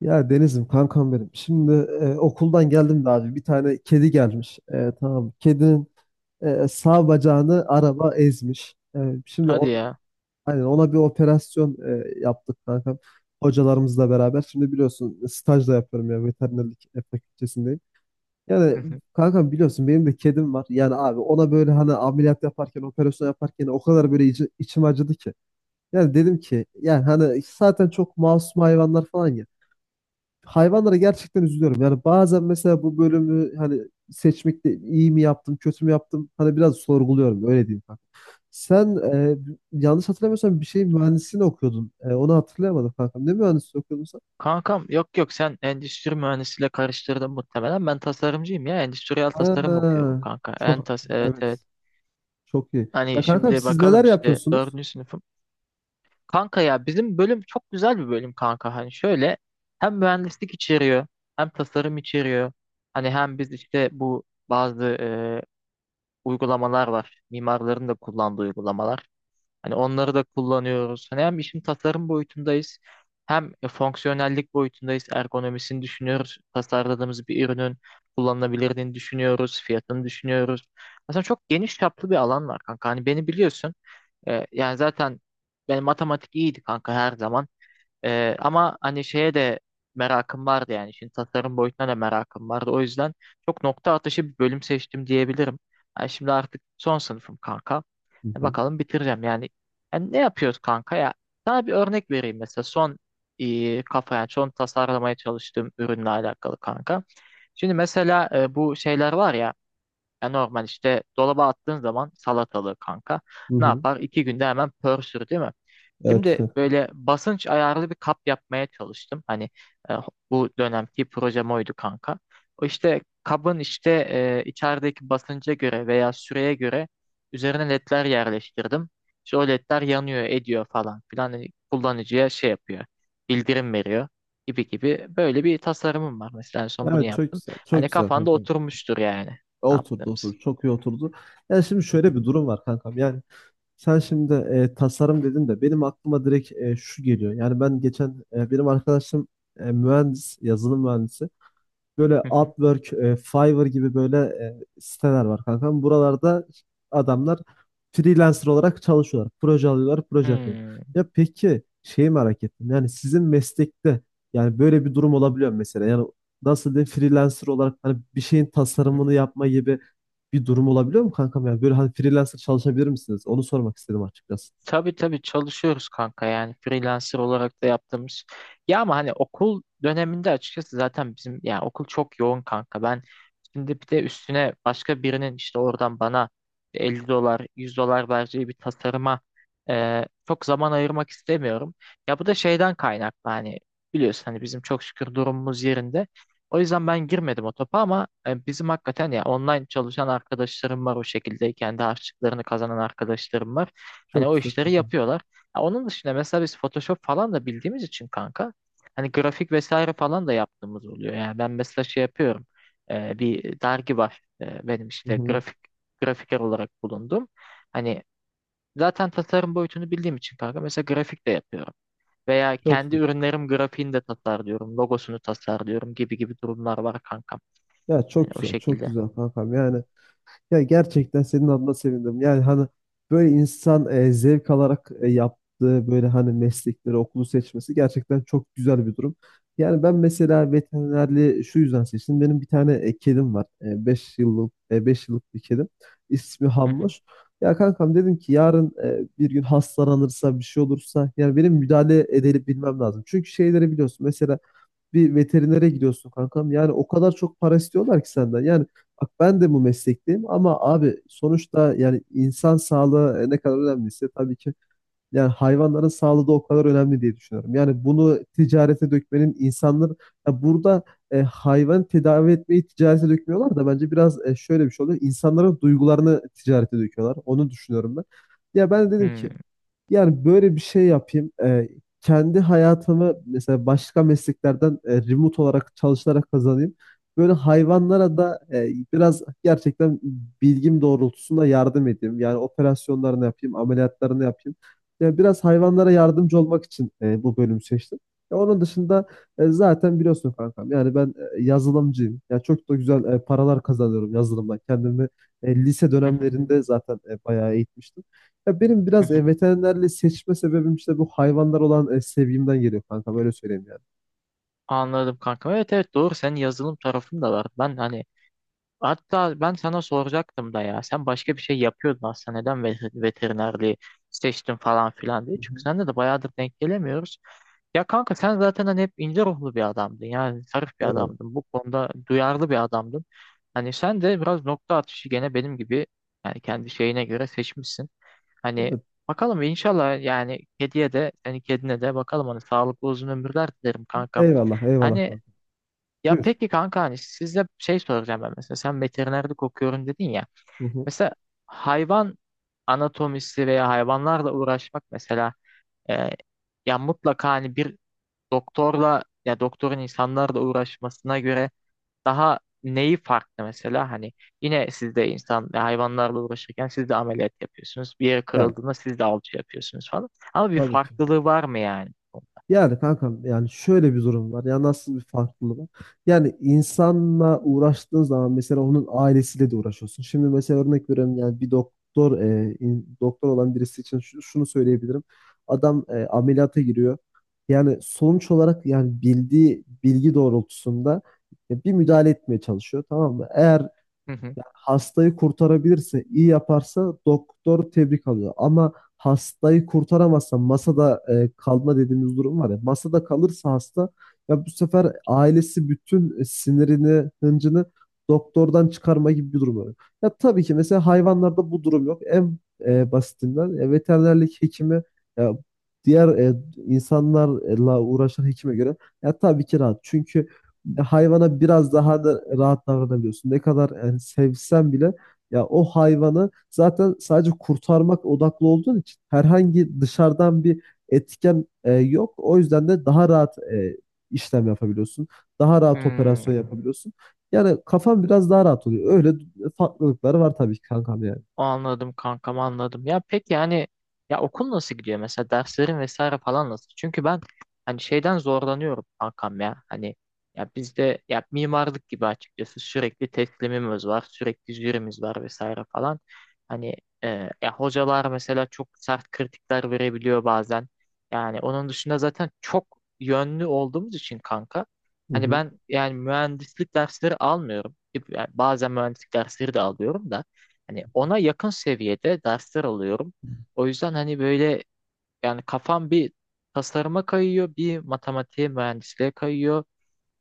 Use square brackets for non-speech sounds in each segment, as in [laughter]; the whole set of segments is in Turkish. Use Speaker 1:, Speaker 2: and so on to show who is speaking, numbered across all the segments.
Speaker 1: Ya Deniz'im kankam benim. Şimdi okuldan geldim de abi bir tane kedi gelmiş. Tamam. Kedinin sağ bacağını araba ezmiş. Şimdi
Speaker 2: Hadi
Speaker 1: o,
Speaker 2: ya.
Speaker 1: hani ona bir operasyon yaptık kankam. Hocalarımızla beraber. Şimdi biliyorsun staj da yapıyorum ya veterinerlik fakültesindeyim.
Speaker 2: Hı
Speaker 1: Yani
Speaker 2: hı.
Speaker 1: kankam biliyorsun benim de kedim var. Yani abi ona böyle hani ameliyat yaparken operasyon yaparken o kadar böyle içim acıdı ki. Yani dedim ki yani hani zaten çok masum hayvanlar falan ya hayvanlara gerçekten üzülüyorum. Yani bazen mesela bu bölümü hani seçmekte iyi mi yaptım, kötü mü yaptım? Hani biraz sorguluyorum öyle diyeyim kanka. Sen yanlış hatırlamıyorsam bir şey mühendisliğini okuyordun. Onu hatırlayamadım kankam. Ne mühendisliği okuyordun sen?
Speaker 2: Kankam, yok yok, sen endüstri mühendisiyle karıştırdın muhtemelen. Ben tasarımcıyım ya. Endüstriyel tasarım okuyorum
Speaker 1: Ha,
Speaker 2: kanka.
Speaker 1: çok
Speaker 2: Entas, evet evet.
Speaker 1: çok iyi. Ya
Speaker 2: Hani
Speaker 1: kankam
Speaker 2: şimdi
Speaker 1: siz
Speaker 2: bakalım,
Speaker 1: neler
Speaker 2: işte
Speaker 1: yapıyorsunuz?
Speaker 2: dördüncü sınıfım. Kanka ya, bizim bölüm çok güzel bir bölüm kanka. Hani şöyle, hem mühendislik içeriyor, hem tasarım içeriyor. Hani hem biz işte bu bazı uygulamalar var. Mimarların da kullandığı uygulamalar. Hani onları da kullanıyoruz. Hani hem işin tasarım boyutundayız, hem fonksiyonellik boyutundayız. Ergonomisini düşünüyoruz. Tasarladığımız bir ürünün kullanılabilirliğini düşünüyoruz. Fiyatını düşünüyoruz. Aslında çok geniş çaplı bir alan var kanka. Hani beni biliyorsun. Yani zaten benim matematik iyiydi kanka her zaman. Ama hani şeye de merakım vardı yani. Şimdi tasarım boyutuna da merakım vardı. O yüzden çok nokta atışı bir bölüm seçtim diyebilirim. Yani şimdi artık son sınıfım kanka.
Speaker 1: Hı
Speaker 2: E,
Speaker 1: hı,
Speaker 2: bakalım bitireceğim yani. Yani ne yapıyoruz kanka ya? Sana bir örnek vereyim, mesela son kafa, yani son tasarlamaya çalıştığım ürünle alakalı kanka. Şimdi mesela bu şeyler var ya, ya normal işte dolaba attığın zaman salatalığı kanka
Speaker 1: hı
Speaker 2: ne
Speaker 1: hı.
Speaker 2: yapar? İki günde hemen pörsür değil mi?
Speaker 1: Evet.
Speaker 2: Şimdi
Speaker 1: [laughs]
Speaker 2: böyle basınç ayarlı bir kap yapmaya çalıştım. Hani e, bu dönemki projem oydu kanka. O işte kabın, işte içerideki basınca göre veya süreye göre üzerine ledler yerleştirdim. İşte o ledler yanıyor, ediyor falan filan. Hani kullanıcıya şey yapıyor, bildirim veriyor gibi gibi. Böyle bir tasarımım var mesela, en son bunu
Speaker 1: Evet, çok
Speaker 2: yaptım.
Speaker 1: güzel. Çok
Speaker 2: Hani
Speaker 1: güzel
Speaker 2: kafanda
Speaker 1: kankam.
Speaker 2: oturmuştur yani. Ne
Speaker 1: Oturdu
Speaker 2: yaptığımız.
Speaker 1: oturdu. Çok iyi oturdu. Yani şimdi şöyle bir durum var kankam. Yani sen şimdi tasarım dedin de benim aklıma direkt şu geliyor. Yani ben geçen benim arkadaşım mühendis, yazılım mühendisi. Böyle
Speaker 2: [laughs]
Speaker 1: Upwork, Fiverr gibi böyle siteler var kankam. Buralarda adamlar freelancer olarak çalışıyorlar. Proje alıyorlar, proje yapıyorlar.
Speaker 2: Hmm.
Speaker 1: Ya peki şeyi merak ettim. Yani sizin meslekte yani böyle bir durum olabiliyor mu mesela. Yani nasıl diyeyim, freelancer olarak hani bir şeyin
Speaker 2: Hı hı.
Speaker 1: tasarımını yapma gibi bir durum olabiliyor mu kankam? Yani böyle hani freelancer çalışabilir misiniz? Onu sormak istedim açıkçası.
Speaker 2: Tabii tabii, çalışıyoruz kanka, yani freelancer olarak da yaptığımız. Ya ama hani okul döneminde açıkçası zaten bizim, yani okul çok yoğun kanka. Ben şimdi bir de üstüne başka birinin işte oradan bana 50 dolar 100 dolar vereceği bir tasarıma çok zaman ayırmak istemiyorum. Ya bu da şeyden kaynaklı, hani biliyorsun hani bizim çok şükür durumumuz yerinde. O yüzden ben girmedim o topa, ama e, bizim hakikaten ya online çalışan arkadaşlarım var, o şekilde kendi harçlıklarını kazanan arkadaşlarım var. Hani
Speaker 1: Çok
Speaker 2: o
Speaker 1: güzel,
Speaker 2: işleri
Speaker 1: kankam.
Speaker 2: yapıyorlar. Ya onun dışında mesela biz Photoshop falan da bildiğimiz için kanka. Hani grafik vesaire falan da yaptığımız oluyor. Yani ben mesela şey yapıyorum. Bir dergi var. Benim
Speaker 1: Hı
Speaker 2: işte
Speaker 1: hı.
Speaker 2: grafiker olarak bulundum. Hani zaten tasarım boyutunu bildiğim için kanka, mesela grafik de yapıyorum. Veya
Speaker 1: Çok
Speaker 2: kendi
Speaker 1: güzel.
Speaker 2: ürünlerim grafiğini de tasarlıyorum. Logosunu tasarlıyorum, gibi gibi durumlar var kanka.
Speaker 1: Ya
Speaker 2: Hani
Speaker 1: çok
Speaker 2: o
Speaker 1: güzel, çok
Speaker 2: şekilde.
Speaker 1: güzel kankam. Yani ya gerçekten senin adına sevindim. Yani hani böyle insan zevk alarak yaptığı böyle hani meslekleri, okulu seçmesi gerçekten çok güzel bir durum. Yani ben mesela veterinerliği şu yüzden seçtim. Benim bir tane kedim var. Beş yıllık bir kedim. İsmi
Speaker 2: Hı hı.
Speaker 1: Hamur. Ya kankam dedim ki yarın bir gün hastalanırsa bir şey olursa yani benim müdahale edebilmem lazım. Çünkü şeyleri biliyorsun. Mesela bir veterinere gidiyorsun kankam. Yani o kadar çok para istiyorlar ki senden. Yani bak, ben de bu meslekteyim ama abi sonuçta yani insan sağlığı ne kadar önemliyse tabii ki yani hayvanların sağlığı da o kadar önemli diye düşünüyorum. Yani bunu ticarete dökmenin insanlar ya burada hayvan tedavi etmeyi ticarete dökmüyorlar da bence biraz şöyle bir şey oluyor. İnsanların duygularını ticarete döküyorlar. Onu düşünüyorum ben. Ya ben de dedim
Speaker 2: Hmm.
Speaker 1: ki yani böyle bir şey yapayım. Kendi hayatımı mesela başka mesleklerden remote olarak çalışarak kazanayım. Böyle hayvanlara da biraz gerçekten bilgim doğrultusunda yardım edeyim. Yani operasyonlarını yapayım, ameliyatlarını yapayım. Yani biraz hayvanlara yardımcı olmak için bu bölümü seçtim. Ya onun dışında zaten biliyorsun kankam. Yani ben yazılımcıyım. Ya çok da güzel paralar kazanıyorum yazılımdan. Kendimi lise
Speaker 2: Hı hı.
Speaker 1: dönemlerinde zaten bayağı eğitmiştim. Ya benim
Speaker 2: Hı
Speaker 1: biraz
Speaker 2: hı.
Speaker 1: veterinerliği seçme sebebim işte bu hayvanlar olan sevgimden geliyor kanka, böyle söyleyeyim yani.
Speaker 2: Anladım kanka. Evet evet, doğru. Senin yazılım tarafın da var. Ben hani, hatta ben sana soracaktım da ya. Sen başka bir şey yapıyordun aslında. Neden veterinerliği seçtin falan filan diye.
Speaker 1: Hı
Speaker 2: Çünkü
Speaker 1: hı.
Speaker 2: seninle de bayağıdır denk gelemiyoruz. Ya kanka, sen zaten hani hep ince ruhlu bir adamdın. Yani zarif bir
Speaker 1: Eyvallah.
Speaker 2: adamdın. Bu konuda duyarlı bir adamdın. Hani sen de biraz nokta atışı gene benim gibi yani kendi şeyine göre seçmişsin. Hani
Speaker 1: Evet.
Speaker 2: bakalım inşallah, yani kediye de, senin kedine de bakalım, hani sağlıklı uzun ömürler dilerim kankam.
Speaker 1: Eyvallah, eyvallah
Speaker 2: Hani,
Speaker 1: kanka.
Speaker 2: ya
Speaker 1: Buyur.
Speaker 2: peki kanka, hani sizde şey soracağım ben, mesela sen veterinerlik okuyorum dedin ya.
Speaker 1: Hı hı.
Speaker 2: Mesela hayvan anatomisi veya hayvanlarla uğraşmak mesela e, ya mutlaka hani bir doktorla, ya doktorun insanlarla uğraşmasına göre daha neyi farklı, mesela hani yine siz de insan ve hayvanlarla uğraşırken siz de ameliyat yapıyorsunuz. Bir yere
Speaker 1: Yani
Speaker 2: kırıldığında siz de alçı yapıyorsunuz falan. Ama bir
Speaker 1: tabii ki.
Speaker 2: farklılığı var mı yani?
Speaker 1: Yani kankam yani şöyle bir durum var. Ya nasıl bir farklılığı var? Yani insanla uğraştığın zaman mesela onun ailesiyle de uğraşıyorsun. Şimdi mesela örnek veriyorum, yani bir doktor doktor olan birisi için şunu söyleyebilirim. Adam ameliyata giriyor. Yani sonuç olarak yani bildiği bilgi doğrultusunda bir müdahale etmeye çalışıyor, tamam mı? Eğer
Speaker 2: Hı hı.
Speaker 1: yani hastayı kurtarabilirse, iyi yaparsa doktor tebrik alıyor. Ama hastayı kurtaramazsa masada kalma dediğimiz durum var ya. Masada kalırsa hasta, ya bu sefer ailesi bütün sinirini, hıncını doktordan çıkarma gibi bir durum oluyor. Ya tabii ki mesela hayvanlarda bu durum yok. En basitinden veterinerlik hekimi ya diğer insanlarla uğraşan hekime göre ya tabii ki rahat. Çünkü hayvana biraz daha da rahat davranabiliyorsun. Ne kadar yani sevsen bile ya o hayvanı zaten sadece kurtarmak odaklı olduğun için herhangi dışarıdan bir etken yok. O yüzden de daha rahat işlem yapabiliyorsun. Daha rahat
Speaker 2: Hmm.
Speaker 1: operasyon yapabiliyorsun. Yani kafan biraz daha rahat oluyor. Öyle farklılıkları var tabii ki kankam yani.
Speaker 2: Anladım kankam, anladım. Ya peki yani, ya okul nasıl gidiyor, mesela derslerin vesaire falan nasıl? Çünkü ben hani şeyden zorlanıyorum kankam ya. Hani ya bizde, ya mimarlık gibi, açıkçası sürekli teslimimiz var, sürekli jürimiz var vesaire falan. Hani e, ya hocalar mesela çok sert kritikler verebiliyor bazen. Yani onun dışında zaten çok yönlü olduğumuz için kanka.
Speaker 1: Hı
Speaker 2: Hani
Speaker 1: hı.
Speaker 2: ben yani mühendislik dersleri almıyorum. Yani bazen mühendislik dersleri de alıyorum da. Hani ona yakın seviyede dersler alıyorum. O yüzden hani böyle, yani kafam bir tasarıma kayıyor, bir matematiğe, mühendisliğe kayıyor.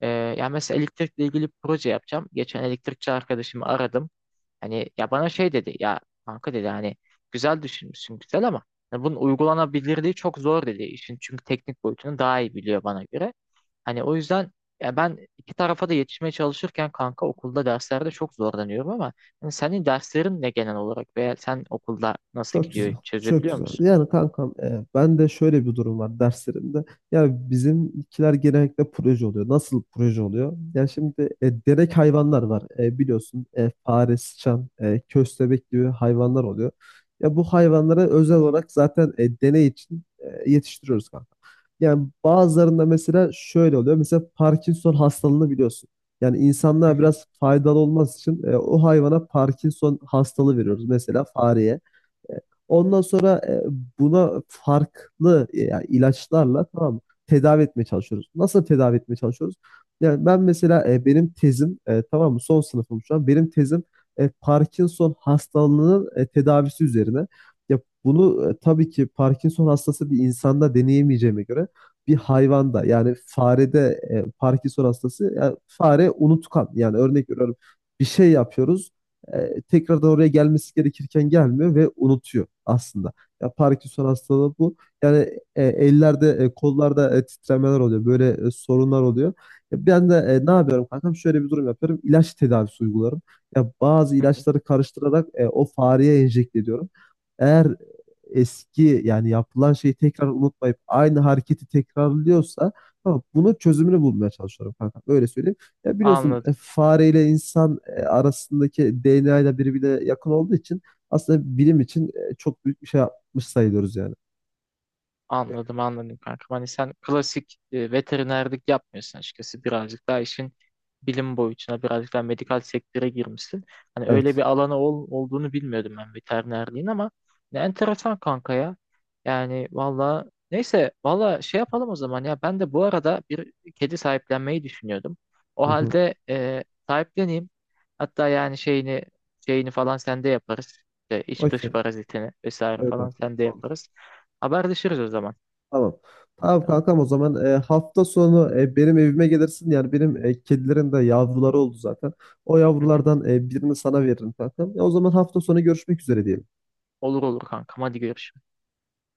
Speaker 2: Yani mesela elektrikle ilgili bir proje yapacağım. Geçen elektrikçi arkadaşımı aradım. Hani ya bana şey dedi ya, kanka dedi hani, güzel düşünmüşsün güzel, ama hani bunun uygulanabilirliği çok zor dedi işin, çünkü teknik boyutunu daha iyi biliyor bana göre. Hani o yüzden, ya ben iki tarafa da yetişmeye çalışırken kanka okulda derslerde çok zorlanıyorum, ama hani senin derslerin ne genel olarak, veya sen okulda nasıl
Speaker 1: Çok güzel.
Speaker 2: gidiyor,
Speaker 1: Çok
Speaker 2: çözebiliyor
Speaker 1: güzel.
Speaker 2: musun?
Speaker 1: Yani kankam ben de şöyle bir durum var derslerimde. Yani bizimkiler genellikle proje oluyor. Nasıl proje oluyor? Yani şimdi derek hayvanlar var. Biliyorsun fare, sıçan, köstebek gibi hayvanlar oluyor. Ya bu hayvanları özel olarak zaten deney için yetiştiriyoruz kanka. Yani bazılarında mesela şöyle oluyor. Mesela Parkinson hastalığını biliyorsun. Yani insanlığa biraz faydalı olması için o hayvana Parkinson hastalığı veriyoruz. Mesela fareye. Ondan sonra buna farklı yani ilaçlarla, tamam mı, tedavi etmeye çalışıyoruz. Nasıl tedavi etmeye çalışıyoruz? Yani ben mesela benim tezim, tamam mı, son sınıfım şu an. Benim tezim Parkinson hastalığının tedavisi üzerine. Ya bunu tabii ki Parkinson hastası bir insanda deneyemeyeceğime göre bir hayvanda, yani farede Parkinson hastası, yani fare unutkan, yani örnek veriyorum, bir şey yapıyoruz tekrardan oraya gelmesi gerekirken gelmiyor ve unutuyor aslında. Ya Parkinson hastalığı bu. Yani ellerde, kollarda, titremeler oluyor. Böyle sorunlar oluyor. Ya ben de ne yapıyorum kankam? Şöyle bir durum yapıyorum. İlaç tedavisi uygularım. Ya bazı ilaçları
Speaker 2: [laughs]
Speaker 1: karıştırarak o fareye enjekte ediyorum. Eğer eski yani yapılan şeyi tekrar unutmayıp aynı hareketi tekrarlıyorsa tamam, bunun çözümünü bulmaya çalışıyorum kankam. Öyle söyleyeyim. Ya biliyorsun
Speaker 2: Anladım.
Speaker 1: fareyle insan arasındaki DNA ile birbirine yakın olduğu için aslında bilim için çok büyük bir şey yapmış sayılıyoruz yani.
Speaker 2: Anladım anladım kankam. Hani sen klasik veterinerlik yapmıyorsun açıkçası. Birazcık daha işin bilim boyutuna, birazcık daha medikal sektöre girmişsin. Hani öyle bir
Speaker 1: Evet.
Speaker 2: alanı olduğunu bilmiyordum ben veterinerliğin, ama ne enteresan kanka ya. Yani valla, neyse, valla şey yapalım o zaman ya. Ben de bu arada bir kedi sahiplenmeyi düşünüyordum. O
Speaker 1: Hı hı.
Speaker 2: halde sahipleneyim. Hatta yani şeyini, şeyini falan sende yaparız. İşte iç dış
Speaker 1: Okey.
Speaker 2: parazitini vesaire
Speaker 1: Evet,
Speaker 2: falan
Speaker 1: evet.
Speaker 2: sende
Speaker 1: Olur.
Speaker 2: yaparız. Haberleşiriz o zaman.
Speaker 1: Tamam. Tamam
Speaker 2: Tamam.
Speaker 1: kankam, o zaman hafta sonu benim evime gelirsin. Yani benim kedilerin de yavruları oldu zaten. O
Speaker 2: Hı hı.
Speaker 1: yavrulardan birini sana veririm kankam. Ya o zaman hafta sonu görüşmek üzere diyelim.
Speaker 2: Olur olur kankam. Hadi görüşürüz.